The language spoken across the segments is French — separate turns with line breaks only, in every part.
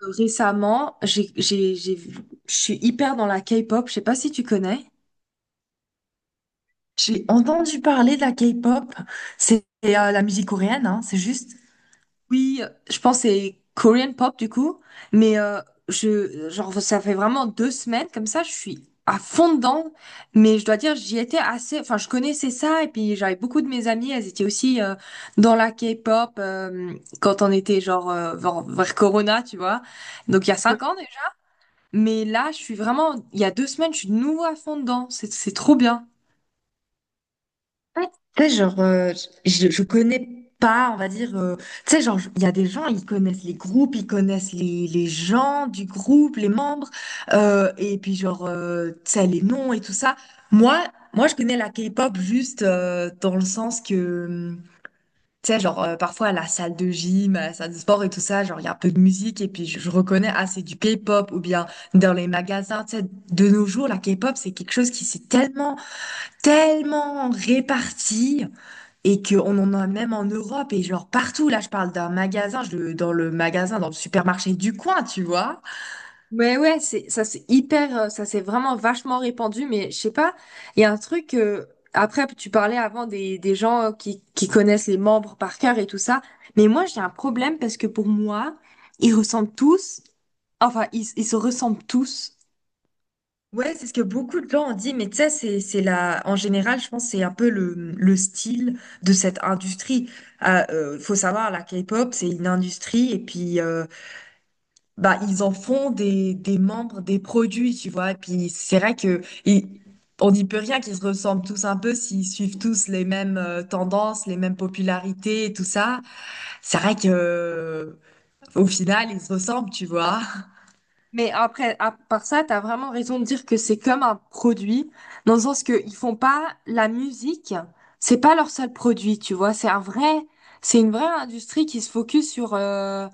Récemment, je suis hyper dans la K-pop. Je sais pas si tu connais.
J'ai entendu parler de la K-pop. C'est la musique coréenne, hein, c'est juste.
Oui, je pense que c'est Korean pop du coup. Mais je, genre, ça fait vraiment deux semaines comme ça. Je suis à fond dedans. Mais je dois dire, j'y étais assez. Enfin, je connaissais ça et puis j'avais beaucoup de mes amies. Elles étaient aussi dans la K-pop quand on était vers Corona, tu vois. Donc il y a
Ouais.
cinq ans déjà. Mais là, je suis vraiment. Il y a deux semaines, je suis de nouveau à fond dedans. C'est trop bien.
Ouais, tu sais, genre, je connais pas, on va dire. Tu sais, genre, il y a des gens, ils connaissent les groupes, ils connaissent les gens du groupe, les membres, et puis, genre, tu sais, les noms et tout ça. Moi, moi, je connais la K-pop juste dans le sens que. Tu sais, genre, parfois à la salle de gym, à la salle de sport et tout ça, genre, il y a un peu de musique et puis je reconnais, ah, c'est du K-pop ou bien dans les magasins, tu sais, de nos jours, la K-pop, c'est quelque chose qui s'est tellement, tellement réparti et qu'on en a même en Europe et genre partout. Là, je parle d'un magasin, dans le magasin, dans le supermarché du coin, tu vois.
Ouais, ça c'est hyper, ça c'est vraiment vachement répandu, mais je sais pas, il y a un truc, après tu parlais avant des gens qui connaissent les membres par cœur et tout ça, mais moi j'ai un problème parce que pour moi, ils ressemblent tous, enfin ils se ressemblent tous,
Ouais, c'est ce que beaucoup de gens ont dit, mais tu sais, en général, je pense, que c'est un peu le style de cette industrie. Faut savoir, la K-pop, c'est une industrie, et puis, bah, ils en font des membres, des produits, tu vois, et puis c'est vrai que, et on n'y peut rien qu'ils se ressemblent tous un peu s'ils suivent tous les mêmes tendances, les mêmes popularités et tout ça. C'est vrai que, au final, ils se ressemblent, tu vois.
mais après, à part ça, t'as vraiment raison de dire que c'est comme un produit, dans le sens que ils font pas la musique, c'est pas leur seul produit, tu vois, c'est une vraie industrie qui se focus sur...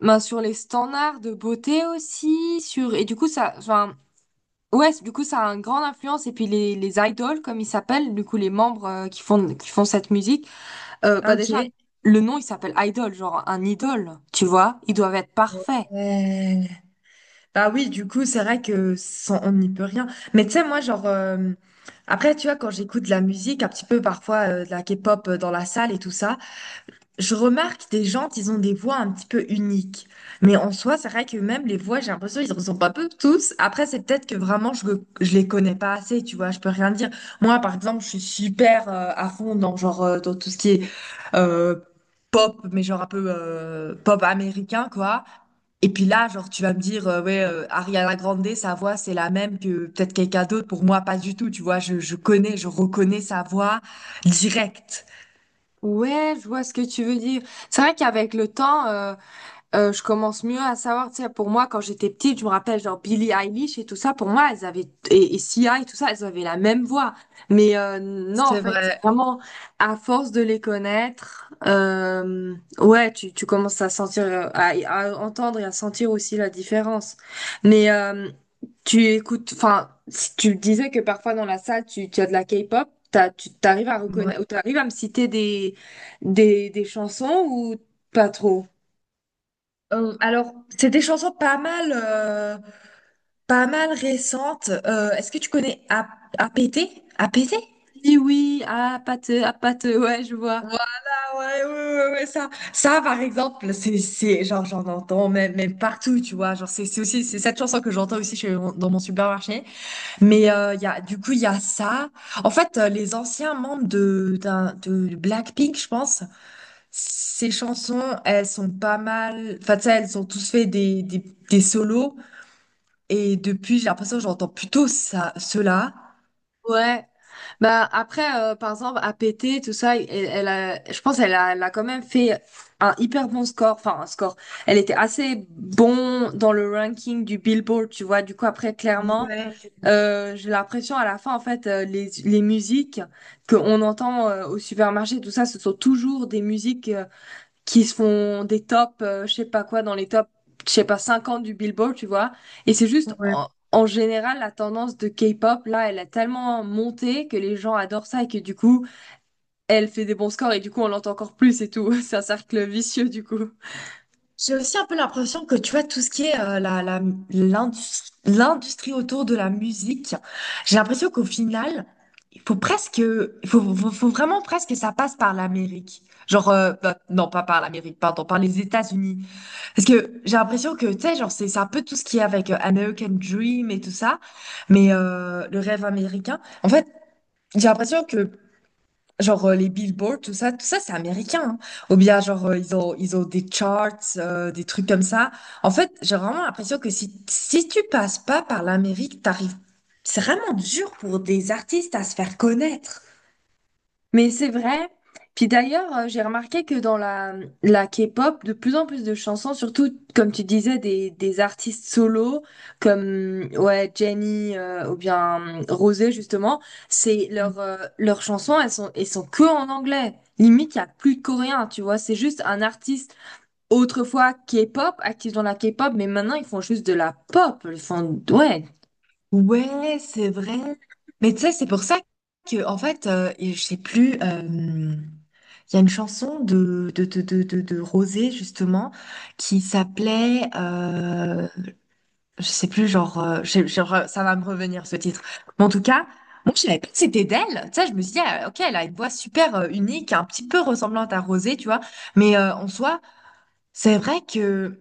Ben, sur les standards de beauté aussi, sur et du coup ça, enfin ouais, du coup ça a une grande influence et puis les idoles comme ils s'appellent, du coup les membres qui font cette musique, euh,
Ah,
bah déjà
ok.
le nom il s'appelle idol, genre un idole, tu vois, ils doivent être parfaits.
Euh, Bah oui, du coup, c'est vrai que on n'y peut rien. Mais tu sais, moi, genre, après, tu vois, quand j'écoute de la musique, un petit peu parfois de la K-pop dans la salle et tout ça, je remarque des gens, ils ont des voix un petit peu uniques. Mais en soi, c'est vrai que même les voix, j'ai l'impression qu'ils ne ressemblent pas peu tous. Après, c'est peut-être que vraiment, je ne les connais pas assez, tu vois. Je peux rien dire. Moi, par exemple, je suis super à fond dans, genre, dans tout ce qui est euh, pop, mais genre un peu pop américain, quoi. Et puis là, genre, tu vas me dire, ouais, Ariana Grande, sa voix, c'est la même que peut-être quelqu'un d'autre. Pour moi, pas du tout, tu vois. Je reconnais sa voix directe.
Ouais, je vois ce que tu veux dire. C'est vrai qu'avec le temps, je commence mieux à savoir, tu sais, pour moi, quand j'étais petite, je me rappelle, genre, Billie Eilish et tout ça, pour moi, elles avaient, et Sia et tout ça, elles avaient la même voix. Mais non, en
C'est
fait, c'est
vrai.
vraiment, à force de les connaître, ouais, tu commences à sentir, à entendre et à sentir aussi la différence. Mais tu écoutes, enfin, si tu disais que parfois dans la salle, tu as de la K-pop, tu t'arrives à reconnaître, ou t'arrives à me citer des chansons ou pas trop?
Alors, c'est des chansons pas mal, récentes. Est-ce que tu connais APT? APT?
Oui, oui, ah, pâteux, ouais, je vois.
Ouais, ouais, ouais, ouais, ouais, ça, par exemple, genre, j'en entends même, même partout, tu vois. Genre, c'est cette chanson que j'entends aussi chez dans mon supermarché. Mais, du coup, il y a ça. En fait, les anciens membres de Blackpink, je pense, ces chansons, elles sont pas mal, enfin, tu sais, elles ont tous fait des solos. Et depuis, j'ai l'impression que j'entends plutôt ça, cela.
Ouais. Bah, après, par exemple, à péter, tout ça, elle, je pense elle a, elle a quand même fait un hyper bon score. Enfin, un score. Elle était assez bon dans le ranking du Billboard, tu vois. Du coup, après, clairement,
Ouais.
j'ai l'impression à la fin, en fait, les musiques qu'on entend au supermarché, tout ça, ce sont toujours des musiques. Qui se font des tops, je sais pas quoi, dans les tops, je sais pas, 50 du Billboard, tu vois. Et c'est juste,
Ouais.
en général, la tendance de K-pop, là, elle a tellement monté que les gens adorent ça et que du coup, elle fait des bons scores et du coup, on l'entend encore plus et tout. C'est un cercle vicieux, du coup.
J'ai aussi un peu l'impression que tu vois tout ce qui est l'industrie autour de la musique. J'ai l'impression qu'au final, il faut presque, il faut, faut- faut vraiment presque que ça passe par l'Amérique. Genre, bah, non, pas par l'Amérique, pardon, par les États-Unis. Parce que j'ai l'impression que, tu sais, genre, c'est un peu tout ce qui est avec American Dream et tout ça, mais le rêve américain. En fait, j'ai l'impression que genre les billboards, tout ça c'est américain, hein. Ou bien genre ils ont des charts, des trucs comme ça. En fait, j'ai vraiment l'impression que si tu passes pas par l'Amérique, t'arrives. C'est vraiment dur pour des artistes à se faire connaître.
Mais c'est vrai. Puis d'ailleurs, j'ai remarqué que la K-pop, de plus en plus de chansons, surtout comme tu disais, des artistes solos comme ouais, Jennie ou bien Rosé justement,
Mm.
leurs chansons, elles sont que en anglais. Limite, il n'y a plus de coréen, tu vois. C'est juste un artiste autrefois K-pop, actif dans la K-pop, mais maintenant ils font juste de la pop. Ils font, ouais.
Ouais, c'est vrai. Mais tu sais, c'est pour ça que en fait, et je sais plus. Il y a une chanson de Rosé justement qui s'appelait. Je sais plus, genre, ça va me revenir ce titre. Mais en tout cas, moi, je savais pas que c'était d'elle. Tu sais, je me suis dit, ah, ok, elle a une voix super unique, un petit peu ressemblante à Rosé, tu vois. Mais en soi, c'est vrai que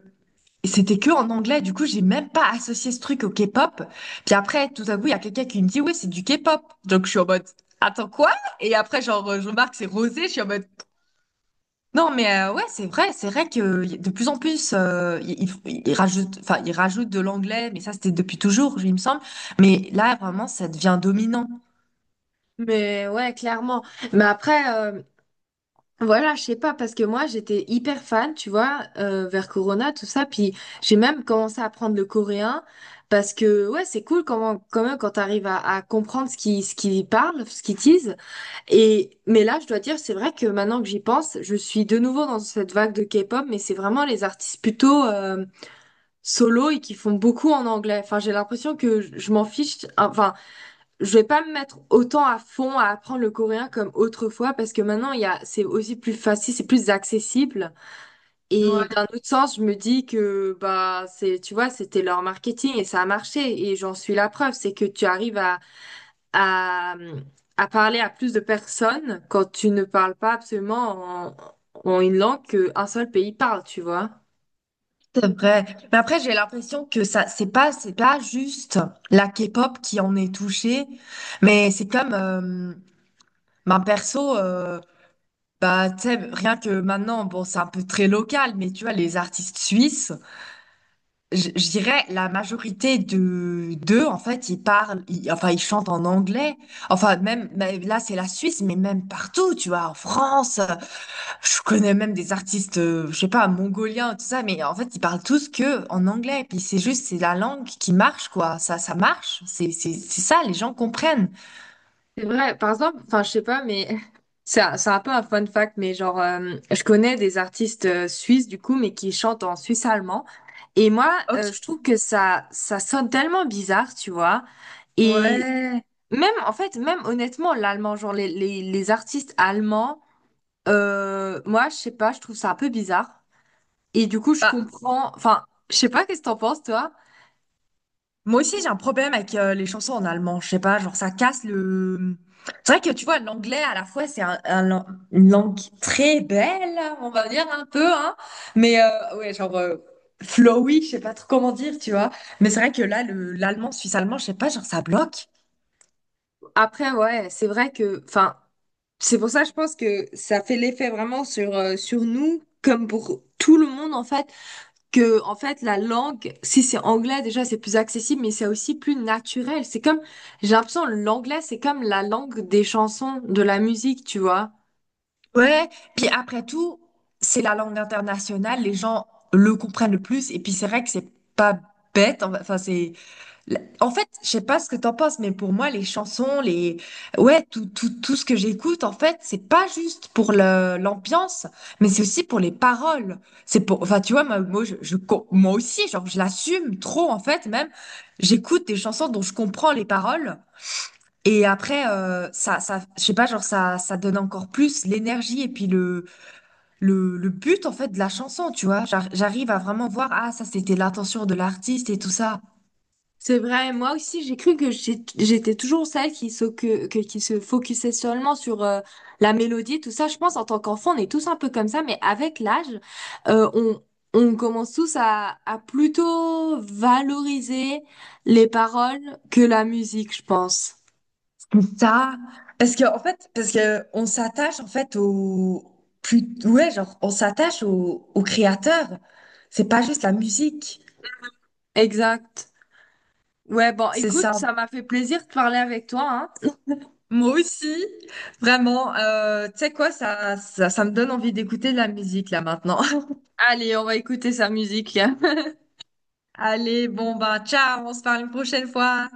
c'était que en anglais. Du coup, j'ai même pas associé ce truc au K-pop. Puis après, tout à coup, il y a quelqu'un qui me dit, ouais c'est du K-pop. Donc, je suis en mode, attends quoi? Et après, genre, je remarque, c'est Rosé. Je suis en mode, non, mais ouais, c'est vrai que de plus en plus, enfin, ils rajoutent de l'anglais, mais ça, c'était depuis toujours, il me semble. Mais là, vraiment, ça devient dominant.
Mais ouais, clairement. Mais après, Voilà, je sais pas, parce que moi j'étais hyper fan, tu vois, vers Corona, tout ça, puis j'ai même commencé à apprendre le coréen, parce que ouais, c'est cool comment, quand même quand t'arrives à comprendre ce qu'ils parlent, ce qu'ils disent, et mais là je dois dire, c'est vrai que maintenant que j'y pense, je suis de nouveau dans cette vague de K-pop, mais c'est vraiment les artistes plutôt solo et qui font beaucoup en anglais, enfin j'ai l'impression que je m'en fiche, enfin je vais pas me mettre autant à fond à apprendre le coréen comme autrefois parce que maintenant il y a c'est aussi plus facile, c'est plus accessible et
Ouais,
d'un autre sens, je me dis que bah c'est tu vois, c'était leur marketing et ça a marché et j'en suis la preuve, c'est que tu arrives à à parler à plus de personnes quand tu ne parles pas absolument en une langue qu'un seul pays parle, tu vois.
c'est vrai. Mais après, j'ai l'impression que ça, c'est pas juste la K-pop qui en est touchée, mais c'est comme, ben, perso, bah, tu sais, rien que maintenant, bon, c'est un peu très local, mais tu vois, les artistes suisses. Je dirais la majorité de d'eux, en fait, enfin, ils chantent en anglais. Enfin, même mais là, c'est la Suisse, mais même partout, tu vois, en France, je connais même des artistes, je sais pas, mongoliens, tout ça, mais en fait, ils parlent tous que en anglais. Puis c'est juste, c'est la langue qui marche, quoi. Ça marche. C'est ça, les gens comprennent.
C'est vrai, par exemple, enfin, je sais pas, mais c'est un peu un fun fact, mais genre, je connais des artistes suisses, du coup, mais qui chantent en suisse allemand. Et moi, je
Ok.
trouve que ça sonne tellement bizarre, tu vois. Et
Ouais.
même, en fait, même honnêtement, l'allemand, genre, les artistes allemands, moi, je sais pas, je trouve ça un peu bizarre. Et du coup, je
Bah,
comprends, enfin, je sais pas, qu'est-ce que t'en penses, toi?
moi aussi, j'ai un problème avec les chansons en allemand. Je sais pas, genre ça casse le. C'est vrai que tu vois, l'anglais à la fois c'est une langue très belle, on va dire un peu, hein. Mais ouais, genre flowy, je sais pas trop comment dire, tu vois. Mais c'est vrai que là, le l'allemand suisse-allemand, je sais pas, genre ça bloque.
Après, ouais, c'est vrai que, enfin, c'est pour ça, je pense que ça fait l'effet vraiment sur, sur nous, comme pour tout le monde, en fait, en fait, la langue, si c'est anglais, déjà, c'est plus accessible, mais c'est aussi plus naturel. C'est comme, j'ai l'impression, l'anglais, c'est comme la langue des chansons, de la musique, tu vois.
Ouais. Puis après tout, c'est la langue internationale, les gens le comprennent le plus. Et puis c'est vrai que c'est pas bête, enfin en fait, je sais pas ce que t'en penses, mais pour moi, les chansons, ouais, tout, tout, tout ce que j'écoute, en fait, c'est pas juste pour l'ambiance, mais c'est aussi pour les paroles. C'est pour, enfin, tu vois, moi aussi, genre, je l'assume trop, en fait, même, j'écoute des chansons dont je comprends les paroles, et après, je sais pas, genre, ça donne encore plus l'énergie et puis le but, en fait, de la chanson, tu vois. J'arrive à vraiment voir, ah, ça, c'était l'intention de l'artiste et tout ça.
C'est vrai, moi aussi j'étais toujours celle qui se, qui se focusait seulement sur la mélodie, tout ça. Je pense en tant qu'enfant, on est tous un peu comme ça, mais avec l'âge, euh, on, on commence tous à plutôt valoriser les paroles que la musique, je pense.
Ça, parce que en fait, parce que on s'attache en fait au plus, ouais, genre on s'attache au créateur. C'est pas juste la musique,
Exact. Ouais, bon,
c'est
écoute,
ça.
ça m'a fait plaisir de parler avec toi, hein.
Moi aussi, vraiment. Tu sais quoi, ça me donne envie d'écouter de la musique là maintenant.
Allez, on va écouter sa musique.
Allez, bon bah ciao, on se parle une prochaine fois.